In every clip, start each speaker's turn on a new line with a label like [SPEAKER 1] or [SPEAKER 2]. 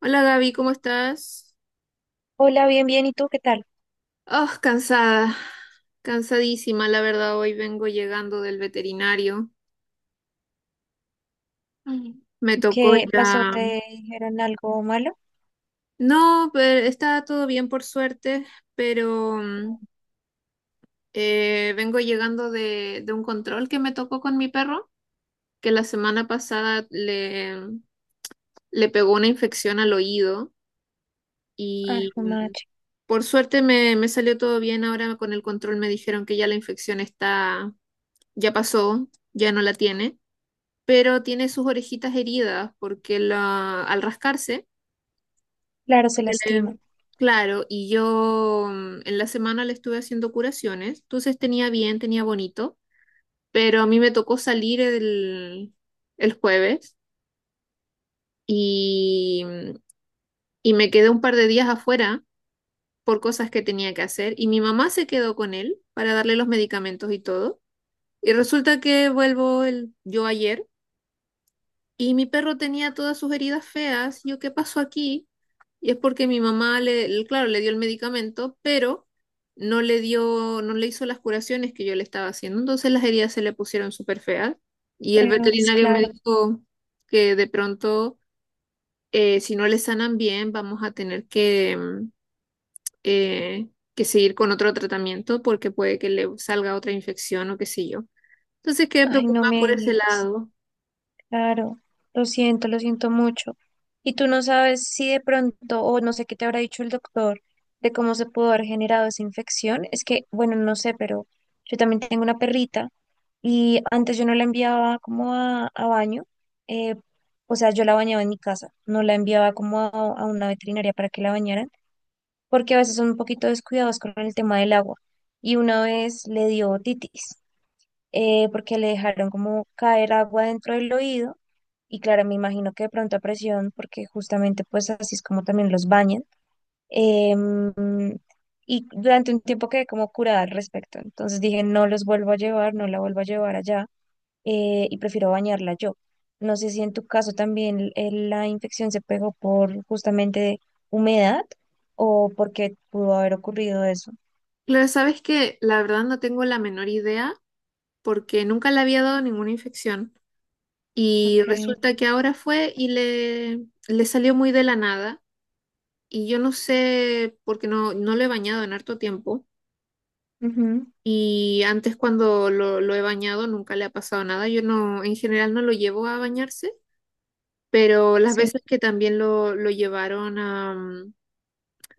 [SPEAKER 1] Hola Gaby, ¿cómo estás?
[SPEAKER 2] Hola, bien, bien. ¿Y tú qué tal?
[SPEAKER 1] Oh, cansada, cansadísima, la verdad, hoy vengo llegando del veterinario. Mm. Me tocó
[SPEAKER 2] ¿Qué
[SPEAKER 1] ir
[SPEAKER 2] pasó?
[SPEAKER 1] a...
[SPEAKER 2] ¿Te dijeron algo malo?
[SPEAKER 1] No, pero está todo bien por suerte, pero vengo llegando de un control que me tocó con mi perro, que la semana pasada le pegó una infección al oído
[SPEAKER 2] Ay,
[SPEAKER 1] y
[SPEAKER 2] jue madre.
[SPEAKER 1] por suerte me salió todo bien. Ahora con el control me dijeron que ya la infección está, ya pasó, ya no la tiene, pero tiene sus orejitas heridas porque la, al rascarse,
[SPEAKER 2] Claro, se
[SPEAKER 1] se
[SPEAKER 2] lastima.
[SPEAKER 1] le- claro, y yo en la semana le estuve haciendo curaciones, entonces tenía bien, tenía bonito, pero a mí me tocó salir el jueves y y me quedé un par de días afuera por cosas que tenía que hacer y mi mamá se quedó con él para darle los medicamentos y todo. Y resulta que vuelvo yo ayer. Y mi perro tenía todas sus heridas feas. Yo, ¿qué pasó aquí? Y es porque mi mamá claro, le dio el medicamento, pero no le hizo las curaciones que yo le estaba haciendo. Entonces las heridas se le pusieron súper feas. Y el
[SPEAKER 2] Peor es
[SPEAKER 1] veterinario me
[SPEAKER 2] claro.
[SPEAKER 1] dijo que de pronto, si no le sanan bien, vamos a tener eh, que seguir con otro tratamiento porque puede que le salga otra infección o qué sé yo. Entonces quedé
[SPEAKER 2] Ay, no
[SPEAKER 1] preocupada
[SPEAKER 2] me
[SPEAKER 1] por ese
[SPEAKER 2] digas.
[SPEAKER 1] lado.
[SPEAKER 2] Claro. Lo siento mucho. Y tú no sabes si de pronto, o no sé qué te habrá dicho el doctor de cómo se pudo haber generado esa infección. Es que, bueno, no sé, pero yo también tengo una perrita y antes yo no la enviaba como a baño. eh, o sea, yo la bañaba en mi casa, no la enviaba como a una veterinaria para que la bañaran porque a veces son un poquito descuidados con el tema del agua. Y una vez le dio otitis, porque le dejaron como caer agua dentro del oído. Y claro, me imagino que de pronto a presión, porque justamente pues así es como también los bañan. Em, y durante un tiempo quedé como curada al respecto. Entonces dije, no los vuelvo a llevar, no la vuelvo a llevar allá, y prefiero bañarla yo. No sé si en tu caso también la infección se pegó por justamente humedad o porque pudo haber ocurrido eso.
[SPEAKER 1] Claro, sabes que la verdad no tengo la menor idea porque nunca le había dado ninguna infección. Y
[SPEAKER 2] Ok,
[SPEAKER 1] resulta que ahora fue y le salió muy de la nada. Y yo no sé, porque no lo he bañado en harto tiempo.
[SPEAKER 2] ujú,
[SPEAKER 1] Y antes cuando lo he bañado nunca le ha pasado nada. Yo no, en general no lo llevo a bañarse, pero las
[SPEAKER 2] sí.
[SPEAKER 1] veces que también lo llevaron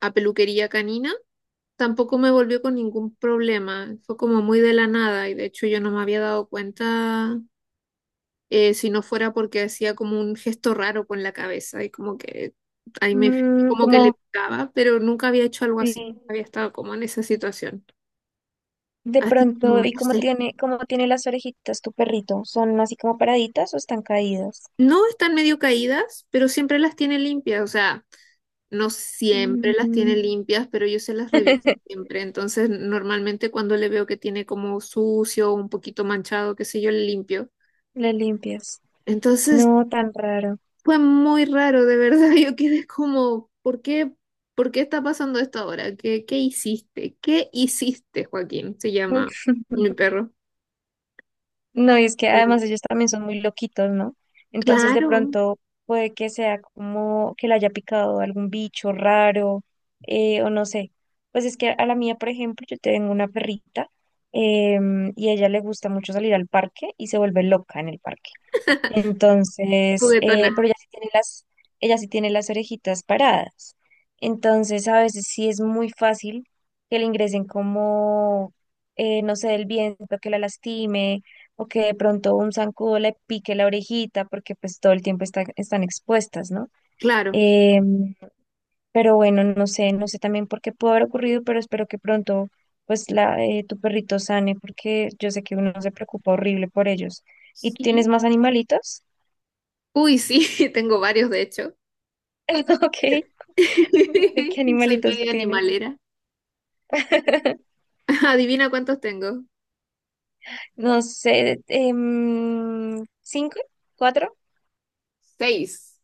[SPEAKER 1] a peluquería canina, tampoco me volvió con ningún problema. Fue como muy de la nada y de hecho yo no me había dado cuenta, si no fuera porque hacía como un gesto raro con la cabeza y como que ahí me fijé,
[SPEAKER 2] Mm,
[SPEAKER 1] como que le
[SPEAKER 2] como
[SPEAKER 1] picaba, pero nunca había hecho algo
[SPEAKER 2] sí.
[SPEAKER 1] así, había estado como en esa situación.
[SPEAKER 2] De
[SPEAKER 1] Así que
[SPEAKER 2] pronto,
[SPEAKER 1] no,
[SPEAKER 2] ¿y
[SPEAKER 1] no sé.
[SPEAKER 2] cómo tiene las orejitas tu perrito? ¿Son así como paraditas o están caídas?
[SPEAKER 1] No están medio caídas, pero siempre las tiene limpias, o sea, no siempre las tiene
[SPEAKER 2] Mm.
[SPEAKER 1] limpias, pero yo se las reviso siempre. Entonces, normalmente cuando le veo que tiene como sucio, un poquito manchado, qué sé yo, le limpio.
[SPEAKER 2] Le limpias.
[SPEAKER 1] Entonces,
[SPEAKER 2] No, tan raro.
[SPEAKER 1] Fue muy raro, de verdad. Yo quedé como, ¿por por qué está pasando esto ahora? ¿Qué, qué hiciste? ¿Qué hiciste, Joaquín? Se llama mi perro.
[SPEAKER 2] No, y es que
[SPEAKER 1] Sí.
[SPEAKER 2] además ellos también son muy loquitos, ¿no? Entonces de
[SPEAKER 1] Claro,
[SPEAKER 2] pronto puede que sea como que le haya picado algún bicho raro, o no sé. Pues es que a la mía, por ejemplo, yo tengo una perrita, y a ella le gusta mucho salir al parque y se vuelve loca en el parque. Entonces,
[SPEAKER 1] juguetona,
[SPEAKER 2] pero ella sí tiene ella sí tiene las orejitas paradas. Entonces, a veces sí es muy fácil que le ingresen como, no sé, el viento que la lastime o que de pronto un zancudo le pique la orejita porque pues todo el tiempo están expuestas, ¿no?
[SPEAKER 1] claro.
[SPEAKER 2] Em, pero bueno, no sé, no sé también por qué pudo haber ocurrido, pero espero que pronto pues tu perrito sane porque yo sé que uno se preocupa horrible por ellos. ¿Y tú
[SPEAKER 1] Sí.
[SPEAKER 2] tienes más animalitos?
[SPEAKER 1] Uy, sí, tengo varios, de hecho.
[SPEAKER 2] Ok, ¿de qué
[SPEAKER 1] Soy
[SPEAKER 2] animalitos
[SPEAKER 1] media
[SPEAKER 2] tienes?
[SPEAKER 1] animalera. Adivina cuántos tengo.
[SPEAKER 2] No sé, ¿cinco? ¿Cuatro?
[SPEAKER 1] Seis.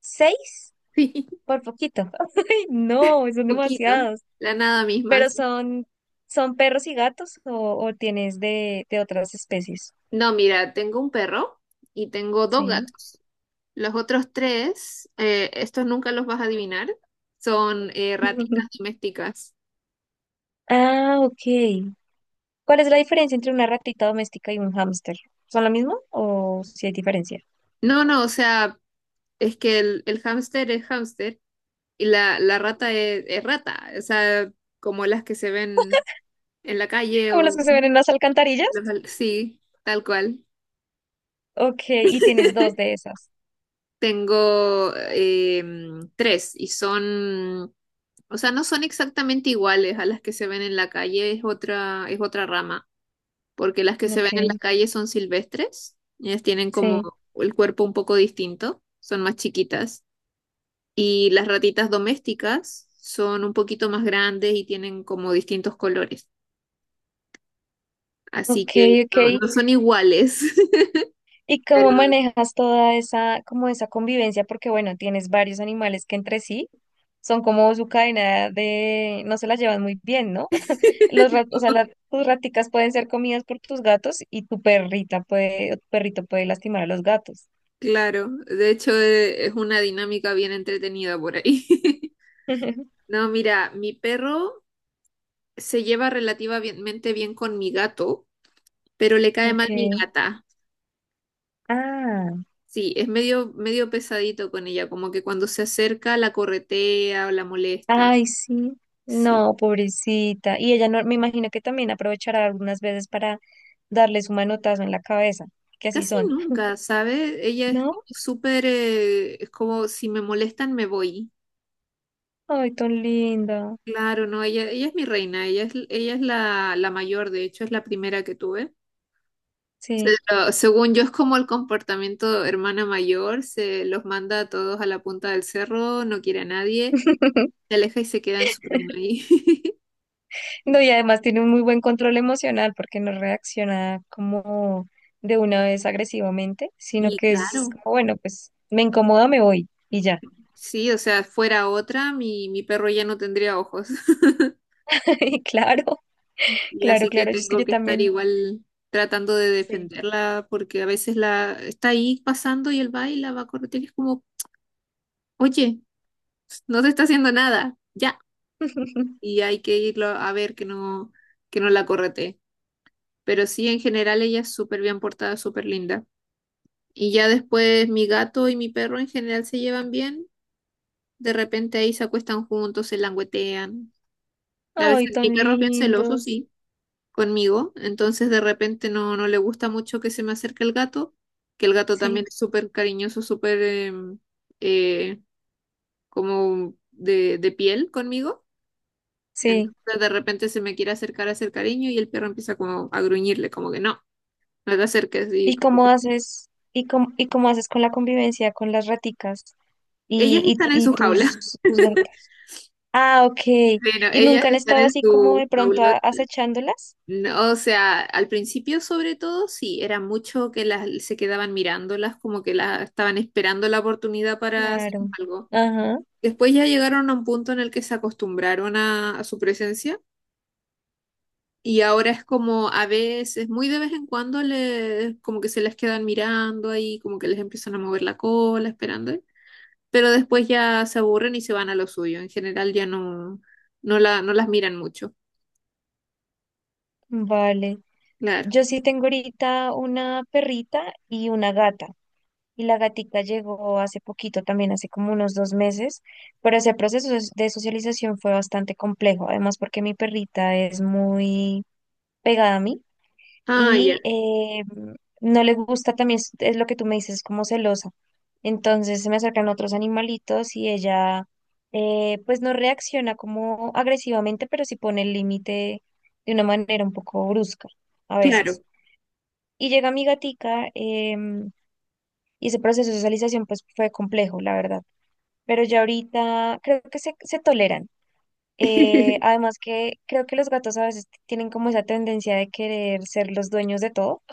[SPEAKER 2] ¿Seis?
[SPEAKER 1] Sí,
[SPEAKER 2] Por poquito. No, son
[SPEAKER 1] poquito.
[SPEAKER 2] demasiados.
[SPEAKER 1] La nada misma.
[SPEAKER 2] Pero
[SPEAKER 1] Sí.
[SPEAKER 2] son, son perros y gatos o tienes de otras especies.
[SPEAKER 1] No, mira, tengo un perro y tengo dos
[SPEAKER 2] Sí.
[SPEAKER 1] gatos. Los otros tres, estos nunca los vas a adivinar, son ratitas domésticas.
[SPEAKER 2] Ah, ok. ¿Cuál es la diferencia entre una ratita doméstica y un hámster? ¿Son lo mismo o si hay diferencia?
[SPEAKER 1] No, no, o sea, es que el hámster es hámster y la rata es rata, o sea, como las que se ven en la calle
[SPEAKER 2] ¿Como las que
[SPEAKER 1] o...
[SPEAKER 2] se ven en las alcantarillas?
[SPEAKER 1] los- Sí, tal cual.
[SPEAKER 2] Ok, y tienes dos de esas.
[SPEAKER 1] Tengo em, tres y son, o sea, no son exactamente iguales a las que se ven en la calle, es otra rama. Porque las que se ven en la
[SPEAKER 2] Ok,
[SPEAKER 1] calle son silvestres, ellas tienen como
[SPEAKER 2] sí.
[SPEAKER 1] el cuerpo un poco distinto, son más chiquitas. Y las ratitas domésticas son un poquito más grandes y tienen como distintos colores. Así
[SPEAKER 2] Ok,
[SPEAKER 1] que
[SPEAKER 2] ok.
[SPEAKER 1] no, no son iguales,
[SPEAKER 2] ¿Y cómo
[SPEAKER 1] pero
[SPEAKER 2] manejas toda esa, como esa convivencia? Porque bueno, tienes varios animales que entre sí son como su cadena de, no se las llevan muy bien, ¿no? Los rat, o sea, las, tus raticas pueden ser comidas por tus gatos y tu perrita puede, o tu perrito puede lastimar a los gatos.
[SPEAKER 1] claro, de hecho es una dinámica bien entretenida por ahí. No, mira, mi perro se lleva relativamente bien con mi gato, pero le cae
[SPEAKER 2] Ok.
[SPEAKER 1] mal mi gata.
[SPEAKER 2] Ah,
[SPEAKER 1] Sí, es medio, medio pesadito con ella, como que cuando se acerca la corretea o la molesta.
[SPEAKER 2] ay, sí.
[SPEAKER 1] Sí,
[SPEAKER 2] No, pobrecita. Y ella no, me imagino que también aprovechará algunas veces para darle su manotazo en la cabeza, que así
[SPEAKER 1] casi
[SPEAKER 2] son,
[SPEAKER 1] nunca, ¿sabe? Ella es como
[SPEAKER 2] ¿no?
[SPEAKER 1] súper, es como si me molestan me voy.
[SPEAKER 2] Ay, tan linda.
[SPEAKER 1] Claro, no, ella es mi reina, ella es la mayor, de hecho es la primera que tuve. Se
[SPEAKER 2] Sí.
[SPEAKER 1] Según yo es como el comportamiento hermana mayor, se los manda a todos a la punta del cerro, no quiere a nadie, se aleja y se queda en su reino ahí.
[SPEAKER 2] No, y además tiene un muy buen control emocional porque no reacciona como de una vez agresivamente, sino
[SPEAKER 1] Y
[SPEAKER 2] que es
[SPEAKER 1] claro.
[SPEAKER 2] como, bueno, pues me incomoda, me voy y ya.
[SPEAKER 1] Sí, o sea, fuera otra, mi perro ya no tendría ojos.
[SPEAKER 2] Y claro,
[SPEAKER 1] Y
[SPEAKER 2] claro,
[SPEAKER 1] así que
[SPEAKER 2] claro. Yo es que
[SPEAKER 1] tengo
[SPEAKER 2] yo
[SPEAKER 1] que estar
[SPEAKER 2] también,
[SPEAKER 1] igual tratando de
[SPEAKER 2] sí.
[SPEAKER 1] defenderla porque a veces la está ahí pasando y él va y la va a corretear y es como, oye, no te está haciendo nada, ya. Y hay que irlo a ver que que no la corretee. Pero sí, en general ella es súper bien portada, súper linda. Y ya después mi gato y mi perro en general se llevan bien. De repente ahí se acuestan juntos, se languetean. A
[SPEAKER 2] Ay,
[SPEAKER 1] veces mi
[SPEAKER 2] tan
[SPEAKER 1] perro es bien celoso,
[SPEAKER 2] lindos.
[SPEAKER 1] sí conmigo, entonces de repente no le gusta mucho que se me acerque el gato, que el gato también
[SPEAKER 2] Sí,
[SPEAKER 1] es súper cariñoso, súper eh, como de piel conmigo,
[SPEAKER 2] sí.
[SPEAKER 1] entonces de repente se me quiere acercar a hacer cariño y el perro empieza como a gruñirle, como que no te acerques y como que-
[SPEAKER 2] Y cómo haces con la convivencia con las raticas y,
[SPEAKER 1] Ellas están en
[SPEAKER 2] y
[SPEAKER 1] su jaula,
[SPEAKER 2] tus, tus gatas? Ah, ok.
[SPEAKER 1] bueno,
[SPEAKER 2] ¿Y
[SPEAKER 1] ellas
[SPEAKER 2] nunca han
[SPEAKER 1] están
[SPEAKER 2] estado
[SPEAKER 1] en
[SPEAKER 2] así como de
[SPEAKER 1] su
[SPEAKER 2] pronto
[SPEAKER 1] jaulota.
[SPEAKER 2] acechándolas?
[SPEAKER 1] No, o sea, al principio sobre todo sí, era mucho que las se quedaban mirándolas, como que las estaban esperando la oportunidad para hacer
[SPEAKER 2] Claro.
[SPEAKER 1] algo.
[SPEAKER 2] Ajá,
[SPEAKER 1] Después ya llegaron a un punto en el que se acostumbraron a su presencia y ahora es como a veces, muy de vez en cuando, les, como que se les quedan mirando ahí, como que les empiezan a mover la cola, esperando, ¿eh? Pero después ya se aburren y se van a lo suyo. En general ya no, no las miran mucho,
[SPEAKER 2] vale.
[SPEAKER 1] claro.
[SPEAKER 2] Yo sí tengo ahorita una perrita y una gata. Y la gatica llegó hace poquito también, hace como unos dos meses, pero ese proceso de socialización fue bastante complejo, además porque mi perrita es muy pegada a mí.
[SPEAKER 1] Ah, ya,
[SPEAKER 2] Y no le gusta también, es lo que tú me dices, es como celosa. Entonces se me acercan otros animalitos y ella, pues no reacciona como agresivamente, pero sí pone el límite de una manera un poco brusca a
[SPEAKER 1] claro.
[SPEAKER 2] veces. Y llega mi gatica, em, y ese proceso de socialización pues fue complejo, la verdad. Pero ya ahorita creo que se toleran. Además que creo que los gatos a veces tienen como esa tendencia de querer ser los dueños de todo.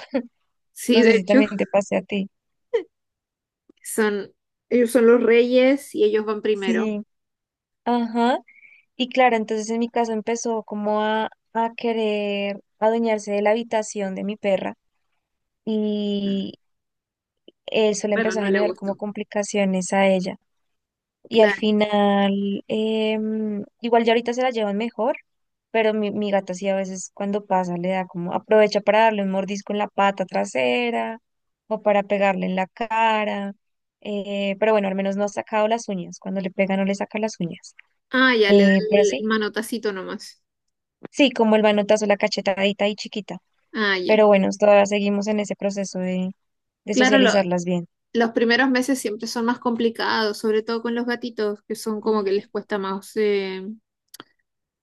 [SPEAKER 1] Sí,
[SPEAKER 2] No
[SPEAKER 1] de
[SPEAKER 2] sé si
[SPEAKER 1] hecho,
[SPEAKER 2] también te pase a ti.
[SPEAKER 1] son, ellos son los reyes y ellos van primero.
[SPEAKER 2] Sí, ajá. Y claro, entonces en mi caso empezó como a querer adueñarse de la habitación de mi perra
[SPEAKER 1] Mm.
[SPEAKER 2] y eso le
[SPEAKER 1] Pero
[SPEAKER 2] empezó a
[SPEAKER 1] no le
[SPEAKER 2] generar como
[SPEAKER 1] gustó.
[SPEAKER 2] complicaciones a ella. Y al
[SPEAKER 1] Claro.
[SPEAKER 2] final, igual ya ahorita se la llevan mejor, pero mi gata sí a veces cuando pasa le da como aprovecha para darle un mordisco en la pata trasera o para pegarle en la cara. Pero bueno, al menos no ha sacado las uñas. Cuando le pega no le saca las uñas.
[SPEAKER 1] Ah, ya, le da
[SPEAKER 2] Pero sí,
[SPEAKER 1] el manotacito nomás.
[SPEAKER 2] sí, como el manotazo, la cachetadita y chiquita.
[SPEAKER 1] Ah, ya.
[SPEAKER 2] Pero bueno, todavía seguimos en ese proceso de
[SPEAKER 1] Claro,
[SPEAKER 2] socializarlas bien.
[SPEAKER 1] los primeros meses siempre son más complicados, sobre todo con los gatitos, que son como que les
[SPEAKER 2] Ujú.
[SPEAKER 1] cuesta más eh,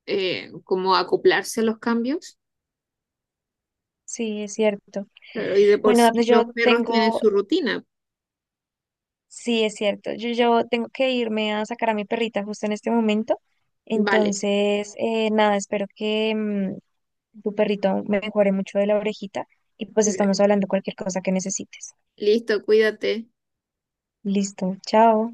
[SPEAKER 1] eh, como acoplarse a los cambios.
[SPEAKER 2] Sí, es cierto.
[SPEAKER 1] Claro, y de por
[SPEAKER 2] Bueno,
[SPEAKER 1] sí
[SPEAKER 2] Dafne,
[SPEAKER 1] los
[SPEAKER 2] yo
[SPEAKER 1] perros tienen
[SPEAKER 2] tengo,
[SPEAKER 1] su rutina.
[SPEAKER 2] sí, es cierto. Yo tengo que irme a sacar a mi perrita justo en este momento.
[SPEAKER 1] Vale,
[SPEAKER 2] Entonces, nada, espero que tu perrito me mejore mucho de la orejita y pues estamos hablando cualquier cosa que necesites.
[SPEAKER 1] listo, cuídate.
[SPEAKER 2] Listo, chao.